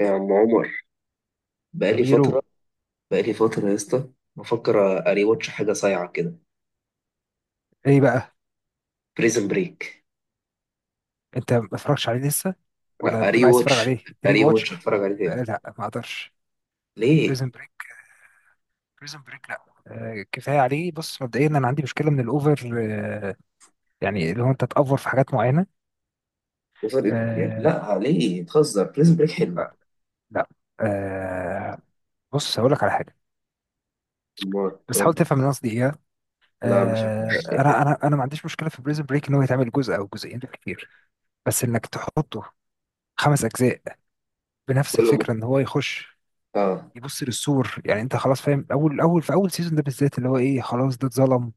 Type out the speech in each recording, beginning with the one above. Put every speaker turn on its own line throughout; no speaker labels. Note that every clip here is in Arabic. يا عم عمر،
يا
بقالي
ميرو،
فترة. بقالي فترة يا اسطى، بفكر اري واتش حاجة صايعة كده.
ايه بقى؟
بريزن بريك.
انت ما اتفرجتش عليه لسه
لا
ولا
اري
بتقول عايز
واتش،
تتفرج عليه بري
اري
واتش؟
واتش اتفرج عليه تاني.
لا ما اقدرش.
ليه؟
بريزن بريك، بريزن بريك، لا كفايه عليه. بص مبدئيا انا عندي مشكله من الاوفر، يعني اللي هو انت تأفور في حاجات معينه.
وفرق يعني؟
آه
لا ليه؟ تهزر، بريزن بريك حلو.
آه، لا آه بص هقول لك على حاجه،
امال
بس
قول
حاول
لي.
تفهم اللي أنا قصدي ايه.
لا مش هتفرج.
انا ما عنديش مشكله في بريزن بريك ان هو يتعمل جزء او جزئين بالكتير، بس انك تحطه خمس اجزاء بنفس
كل م...
الفكره ان هو يخش
اه.
يبص للسور. يعني انت خلاص فاهم، اول في اول سيزون ده بالذات اللي هو ايه، خلاص ده اتظلم،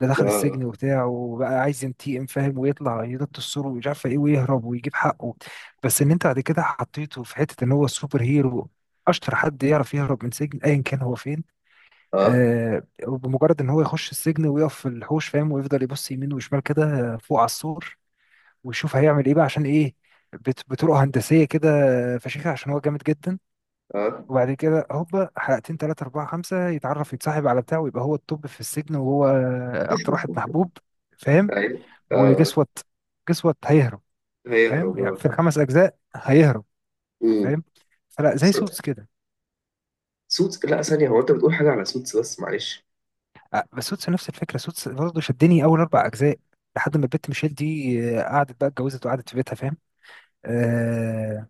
ده دخل السجن
اه
وبتاع، وبقى عايز ينتقم فاهم، ويطلع ينط السور ومش عارف ايه ويهرب ويجيب حقه. بس ان انت بعد كده حطيته في حته ان هو سوبر هيرو، اشطر حد يعرف يهرب من سجن ايا كان هو فين.
اه
آه بمجرد ان هو يخش السجن ويقف في الحوش فاهم، ويفضل يبص يمين وشمال كده فوق على السور، ويشوف هيعمل ايه بقى عشان ايه، بطرق هندسيه كده فشيخه عشان هو جامد جدا.
اه
وبعد كده هوبا حلقتين تلاتة أربعة خمسة يتعرف يتصاحب على بتاعه ويبقى هو التوب في السجن وهو أكتر واحد محبوب فاهم.
ايوه اه.
وجس وات، جس وات هيهرب، فاهم
هيهرب
يعني في
اه.
الخمس أجزاء هيهرب،
أمم.
فاهم؟ فلا، زي سوتس
صوت-
كده.
سوتس؟ لا ثانية، هو انت بتقول حاجة على سوتس؟ بس معلش.
بس سوتس نفس الفكرة، سوتس برضه شدني أول أربع أجزاء لحد ما البت ميشيل دي قعدت بقى اتجوزت وقعدت في بيتها فاهم. آه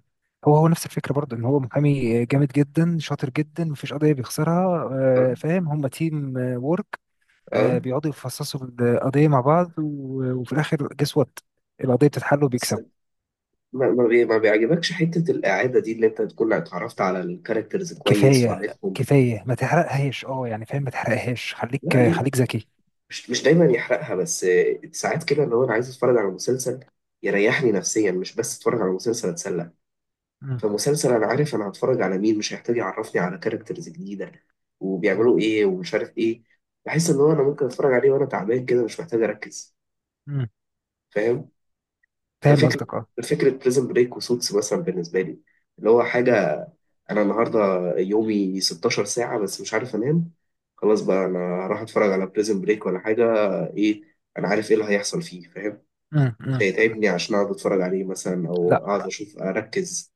هو نفس الفكرة برضه إن هو محامي جامد جدا شاطر جدا مفيش قضية بيخسرها.
اه
فاهم، هما تيم وورك.
اه.
بيقعدوا يفصصوا القضية مع بعض وفي الآخر جس وات القضية بتتحل
بس
وبيكسبوا.
ما بيعجبكش حتة الإعادة دي، اللي أنت تكون اتعرفت على الكاركترز كويس
كفاية،
وعارفهم؟
كفاية ما تحرقهاش اه، يعني فاهم ما تحرقهاش،
لا
خليك
ليه،
خليك ذكي.
مش دايما يحرقها، بس ساعات كده اللي هو أنا عايز أتفرج على مسلسل يريحني نفسيا، مش بس أتفرج على مسلسل أتسلى.
مم،
فمسلسل أنا عارف أنا هتفرج على مين مش هيحتاج يعرفني على كاركترز جديدة
مم،
وبيعملوا إيه ومش عارف إيه. بحس إن هو أنا ممكن أتفرج عليه وأنا تعبان كده، مش محتاج أركز.
مم.
فاهم؟ ده
فاهم
فكرة،
قصدك اه.
فكرة بريزن بريك وسوتس مثلا بالنسبة لي، اللي هو حاجة
مم،
أنا النهاردة يومي 16 ساعة بس مش عارف أنام. خلاص بقى أنا هروح أتفرج على بريزن بريك ولا حاجة. إيه، أنا عارف إيه اللي هيحصل فيه، فاهم؟
مم،
مش
مم، مم.
هيتعبني عشان أقعد أتفرج عليه مثلا، أو
لا،
أقعد أشوف أركز.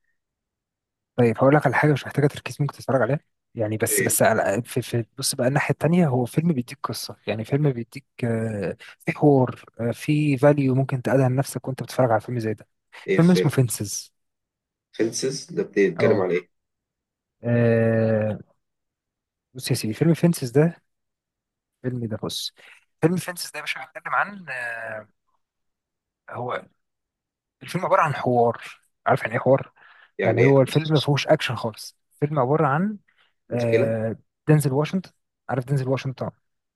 طيب هقول لك على حاجة مش محتاجة تركيز ممكن تتفرج عليها. يعني بس
في
بس على في في بص بقى، الناحية التانية، هو فيلم بيديك قصة، يعني فيلم بيديك في حوار، في فاليو ممكن تقعدها لنفسك وانت بتتفرج على فيلم زي ده.
إيه؟
فيلم
في
اسمه فينسز.
فينسز ده بيتكلم
اه
على إيه؟
آه، بص يا سيدي فيلم فينسز ده، فيلم ده، بص فيلم فينسز ده يا باشا بيتكلم عن آه، هو الفيلم عبارة عن حوار. عارف يعني ايه حوار؟
يعني
يعني
إيه؟
هو الفيلم ما فيهوش اكشن خالص، الفيلم عبارة عن
مشكلة.
آه، دينزل واشنطن. عارف دينزل واشنطن؟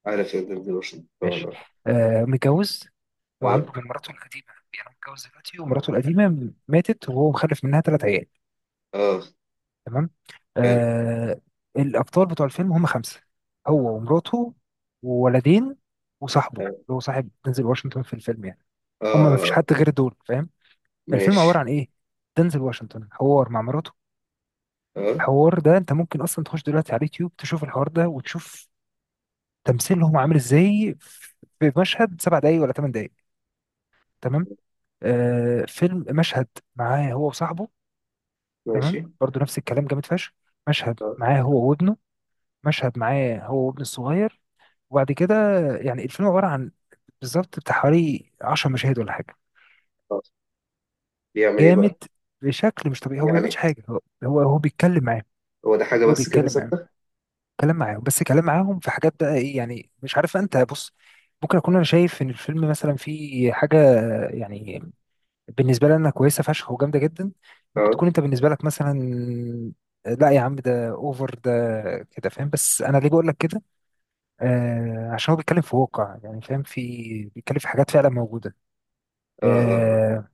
على فيلم ديلوشن
ماشي.
طبعا.
متجوز
أه.
وعنده من مراته القديمة، يعني هو متجوز دلوقتي ومراته القديمة ماتت وهو مخلف منها ثلاث عيال.
أه.
تمام.
حلو.
آه. الابطال بتوع الفيلم هم خمسه، هو ومراته وولدين وصاحبه
أه.
اللي هو صاحب دنزل واشنطن في الفيلم يعني، هم ما فيش
آه،
حد غير دول فاهم. الفيلم عباره
ماشي.
عن ايه؟ دنزل واشنطن حوار مع مراته،
أه.
الحوار ده انت ممكن اصلا تخش دلوقتي على اليوتيوب تشوف الحوار ده وتشوف تمثيلهم عامل ازاي في مشهد سبع دقايق ولا ثمان دقايق. تمام. آه، فيلم مشهد معاه هو وصاحبه، تمام
ماشي.
برضو نفس الكلام جامد فشخ. مشهد
اه.
معاه هو وابنه، مشهد معاه هو وابنه الصغير. وبعد كده يعني الفيلم عبارة عن بالظبط بتاع حوالي 10 مشاهد ولا حاجة.
آه. بيعمل ايه
جامد
بقى؟
بشكل مش طبيعي. هو ما بيعملش
يعني
حاجة، هو بيتكلم معاهم.
هو ده حاجه
هو
بس كده
بيتكلم معاهم،
ثابته؟
كلام معاهم بس كلام معاهم في حاجات بقى ايه يعني مش عارف انت، بص ممكن اكون انا شايف ان الفيلم مثلا فيه حاجة يعني بالنسبة لي انا كويسة فشخ وجامدة جدا، ممكن
اه
تكون انت بالنسبة لك مثلا لا يا عم ده اوفر ده كده فاهم، بس انا ليه بقول لك كده؟ عشان هو بيتكلم في واقع يعني فاهم، في بيتكلم في حاجات فعلا موجودة.
اه اه.
آه،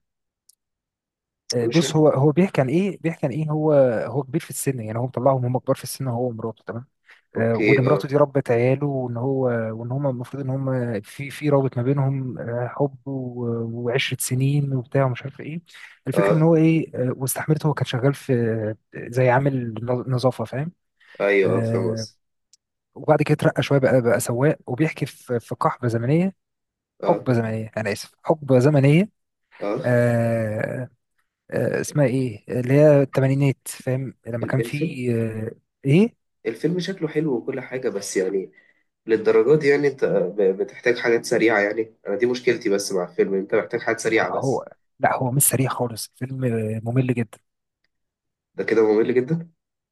مش عارف.
بص هو بيحكي عن ايه، بيحكي عن ايه هو، هو كبير في السن يعني، هو مطلعهم هم كبار في السن هو ومراته تمام. وان
اوكي
مراته
اه.
دي ربت عياله، وان هو وان هم المفروض ان هم في رابط ما بينهم حب وعشرة سنين وبتاع ومش عارف ايه. الفكره ان
اه.
هو ايه، واستحملته، هو كان شغال في زي عامل نظافه فاهم.
ايوه اه، فاهم
آه،
قصدي.
وبعد كده اترقى شويه بقى سواق، وبيحكي في قحبه زمنيه،
اه
حقبه زمنيه انا اسف، حقبه زمنيه
اه.
آه، اسمها ايه اللي هي التمانينات فاهم، لما كان
الفيلم،
في آه، ايه
الفيلم شكله حلو وكل حاجه، بس يعني للدرجه دي يعني؟ انت بتحتاج حاجات سريعه يعني. انا دي مشكلتي بس مع الفيلم، انت محتاج حاجات سريعه بس.
هو لا هو مش سريع خالص الفيلم، ممل جدا.
ده كده ممل جدا.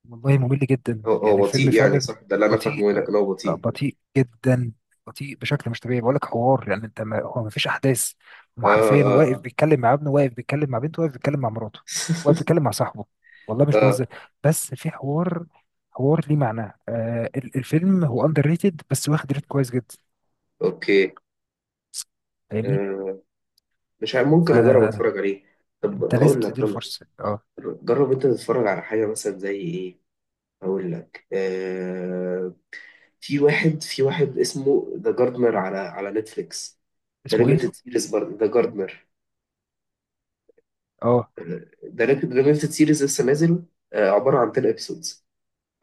والله ممل جدا
هو
يعني
هو
الفيلم
بطيء يعني،
فعلا
صح؟ ده اللي انا
بطيء،
فاهمه، هنا كان هو بطيء.
بطيء جدا، بطيء بشكل مش طبيعي. بقول لك حوار يعني انت ما هو ما فيش احداث، هم
اه
حرفيا
اه
واقف
اه.
بيتكلم مع ابنه، واقف بيتكلم مع بنته، واقف بيتكلم مع مراته، واقف بيتكلم مع صاحبه. والله مش
اه.
بهزر، بس في حوار، حوار ليه معنى. الفيلم هو اندر ريتد بس واخد ريت كويس جدا.
اوكي.
فاهمني؟
آه. مش عارف، ممكن اجرب
فانت
اتفرج عليه. طب
لازم
هقول لك،
تديله فرصه اه.
جرب انت تتفرج على حاجة مثلا زي ايه. هقول لك آه، في واحد، في واحد اسمه ذا جاردنر على على نتفليكس. ده
اسمه ايه؟
ليميتد سيريز برضه، ذا جاردنر.
اه.
ده ليميتد سيريز لسه نازل، آه، عبارة عن 10 ابيسودز.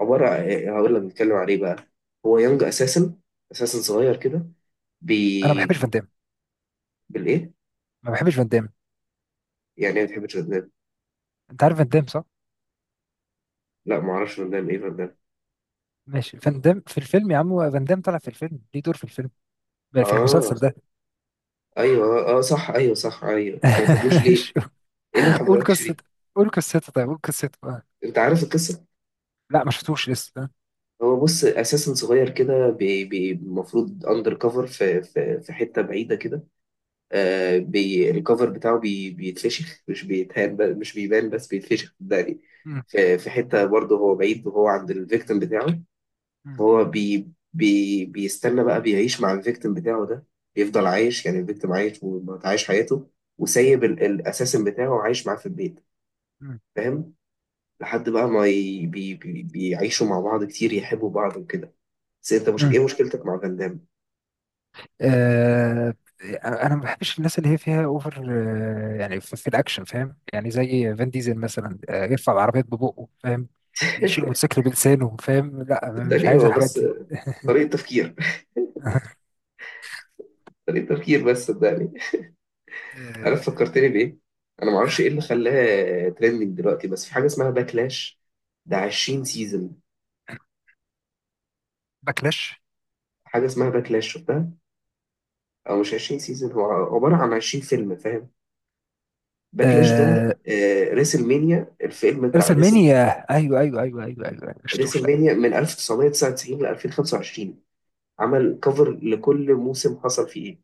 عبارة، هقول لك بنتكلم عليه بقى. هو يونج اساسن، اساسن صغير كده.
انا ما
بي,
بحبش فان
بي
دام،
بالايه؟
ما بحبش فان دام.
يعني ايه ما بتحبش فاندام؟
انت عارف فان دام صح؟
لا ما اعرفش فاندام، ايه فاندام؟
ماشي، فان دام في الفيلم يا عم، فان دام طلع في الفيلم، ليه دور في الفيلم في
اه.
المسلسل ده.
ايوه اه، صح ايوه، صح ايوه، انت ما بتحبوش ليه؟
ماشي.
ايه اللي ما
قول
بحبكش ليه؟
قصته، قول قصته، طيب قول قصته آه.
انت عارف القصة؟
لا ما شفتوش لسه اه.
هو بص، اساسا صغير كده، المفروض اندر كفر في في حته بعيده كده. آه، بي الكفر بتاعه بيتفشخ، مش بيتهان، مش بيبان بس بيتفشخ، صدقني.
مم.
في في حته برضه هو بعيد، وهو عند الفيكتيم بتاعه. فهو بي بي بيستنى بقى، بيعيش مع الفيكتيم بتاعه ده، بيفضل عايش يعني. الفيكتيم عايش وعايش حياته، وسايب الاساسن بتاعه عايش معاه في البيت.
مم.
فاهم؟ لحد بقى ما ي- بي بي بيعيشوا مع بعض كتير، يحبوا بعض وكده. بس انت مش،
مم.
ايه مشكلتك مع فان دام؟
آه، انا ما بحبش الناس اللي هي فيها اوفر، يعني في, الاكشن فاهم، يعني زي فان ديزل مثلا يرفع العربيات ببقه فاهم، يشيل موتوسيكل بلسانه فاهم، لا مش
صدقني
عايز
هو
الحاجات
بس
دي.
طريقة تفكير، طريقة تفكير بس، صدقني.
آه،
عارف فكرتني بإيه؟ أنا معرفش إيه
آه،
اللي خلاها ترندنج دلوقتي، بس في حاجة اسمها باكلاش، ده 20 سيزون.
باكلاش،
حاجة اسمها باكلاش، شفتها؟ أو مش 20 سيزون، هو عبارة عن 20 فيلم فاهم؟ باكلاش ده
آه
آه، ريسل مانيا، الفيلم بتاع ريسل.
رسلمانيا. ايوه ايوه ايوه ايوه ايوه، أيوة، ما شفتوش
ريسل
لا.
مانيا من 1999 ل 2025، عمل كفر لكل موسم حصل فيه إيه؟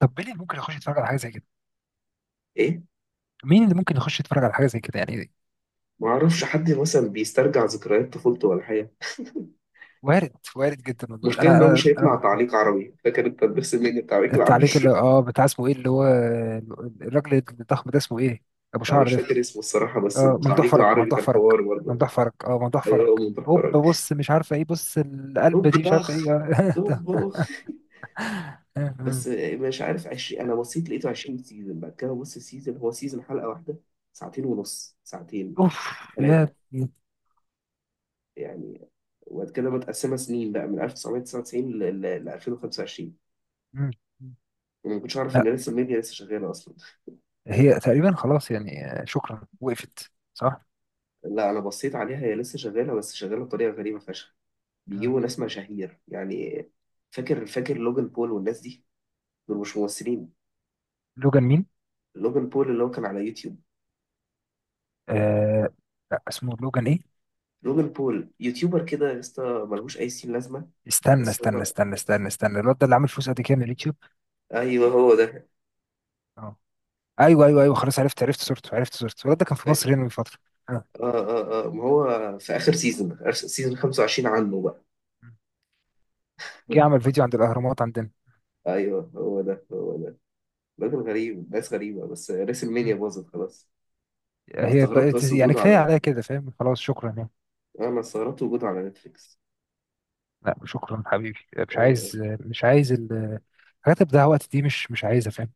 طب مين اللي ممكن يخش يتفرج على حاجه زي كده،
إيه؟
مين اللي ممكن يخش يتفرج على حاجه زي كده يعني؟
ما اعرفش، حد مثلا بيسترجع ذكريات طفولته ولا حاجه.
وارد، وارد جدا والله،
المشكله
انا
ان هو
انا
مش هيطلع
انا
تعليق عربي. فاكر انت الدرس الميني، التعليق العربي؟
التعليق اللي اه بتاع اسمه ايه اللي هو الراجل الضخم ده اسمه ايه، ابو
انا
شعر
مش
ده؟
فاكر اسمه الصراحه، بس
اه ممدوح
التعليق
فرج،
العربي
ممدوح
كان
فرج،
حوار برضه.
ممدوح فرج، اه ممدوح فرج.
ايوه من
هوب،
تحفرج.
بص مش عارفه ايه، بص
طب
القلبه دي مش عارفه
طخ،
ايه
طب
ده.
بخ.
آه، آه.
بس مش عارف، 20، انا بصيت لقيته 20 سيزون. بعد كده بص، السيزون هو سيزون حلقه واحده، ساعتين ونص، ساعتين،
اوف، يا
ثلاثه
ابني.
يعني. وبعد كده متقسمه سنين بقى من 1999 ل 2025.
مم.
وما كنتش اعرف
لا
ان لسه الميديا لسه شغاله اصلا.
هي تقريبا خلاص يعني شكرا وقفت، صح
لا انا بصيت عليها، هي لسه شغاله، بس شغاله بطريقه غريبه فشخ.
آه.
بيجيبوا ناس مشاهير يعني. فاكر لوجان بول والناس دي، دول مش ممثلين.
لوجان مين؟
لوجان بول اللي هو كان على يوتيوب.
آه لا اسمه لوجان ايه؟
لوجان بول يوتيوبر كده يا اسطى، ملهوش اي سين لازمه.
استنى
بس
استنى
هو،
استنى استنى استنى الواد ده اللي عامل فلوس قد كده من اليوتيوب؟
ايوه هو ده.
اه، ايوه ايوه ايوه خلاص عرفت، عرفت صورته، عرفت صورته. الولد ده كان في
اه
مصر هنا من فتره. آه.
اه اه، ما هو في اخر سيزون، اخر سيزون 25 عنه بقى.
جه عمل فيديو عند الاهرامات عندنا.
ايوه هو ده، هو ده، راجل غريب، ناس غريبه. بس ريسل مانيا
مم.
باظت خلاص. انا
هي
استغربت
بقت
بس
يعني
وجوده
كفايه
على،
عليا كده فاهم، خلاص شكرا يعني.
انا استغربت وجوده على نتفليكس.
لا شكرا حبيبي، مش
آه، آه.
عايز، الحاجات اللي بتضيع وقت دي، مش عايزها فاهم.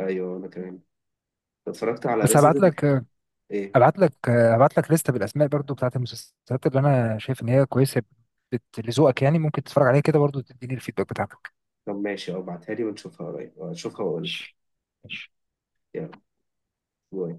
ايوه انا كمان، اتفرجت على
بس هبعت
ريزيدنت.
لك
ايه؟
هبعت لك لسته بالاسماء برضو بتاعت المسلسلات اللي انا شايف ان هي كويسه، لذوقك يعني ممكن تتفرج عليها كده برضو، تديني الفيدباك بتاعتك.
طب ماشي اه، ابعتها لي ونشوفها قريب، اشوفها واقول لك.
ماشي، ماشي.
يلا، باي.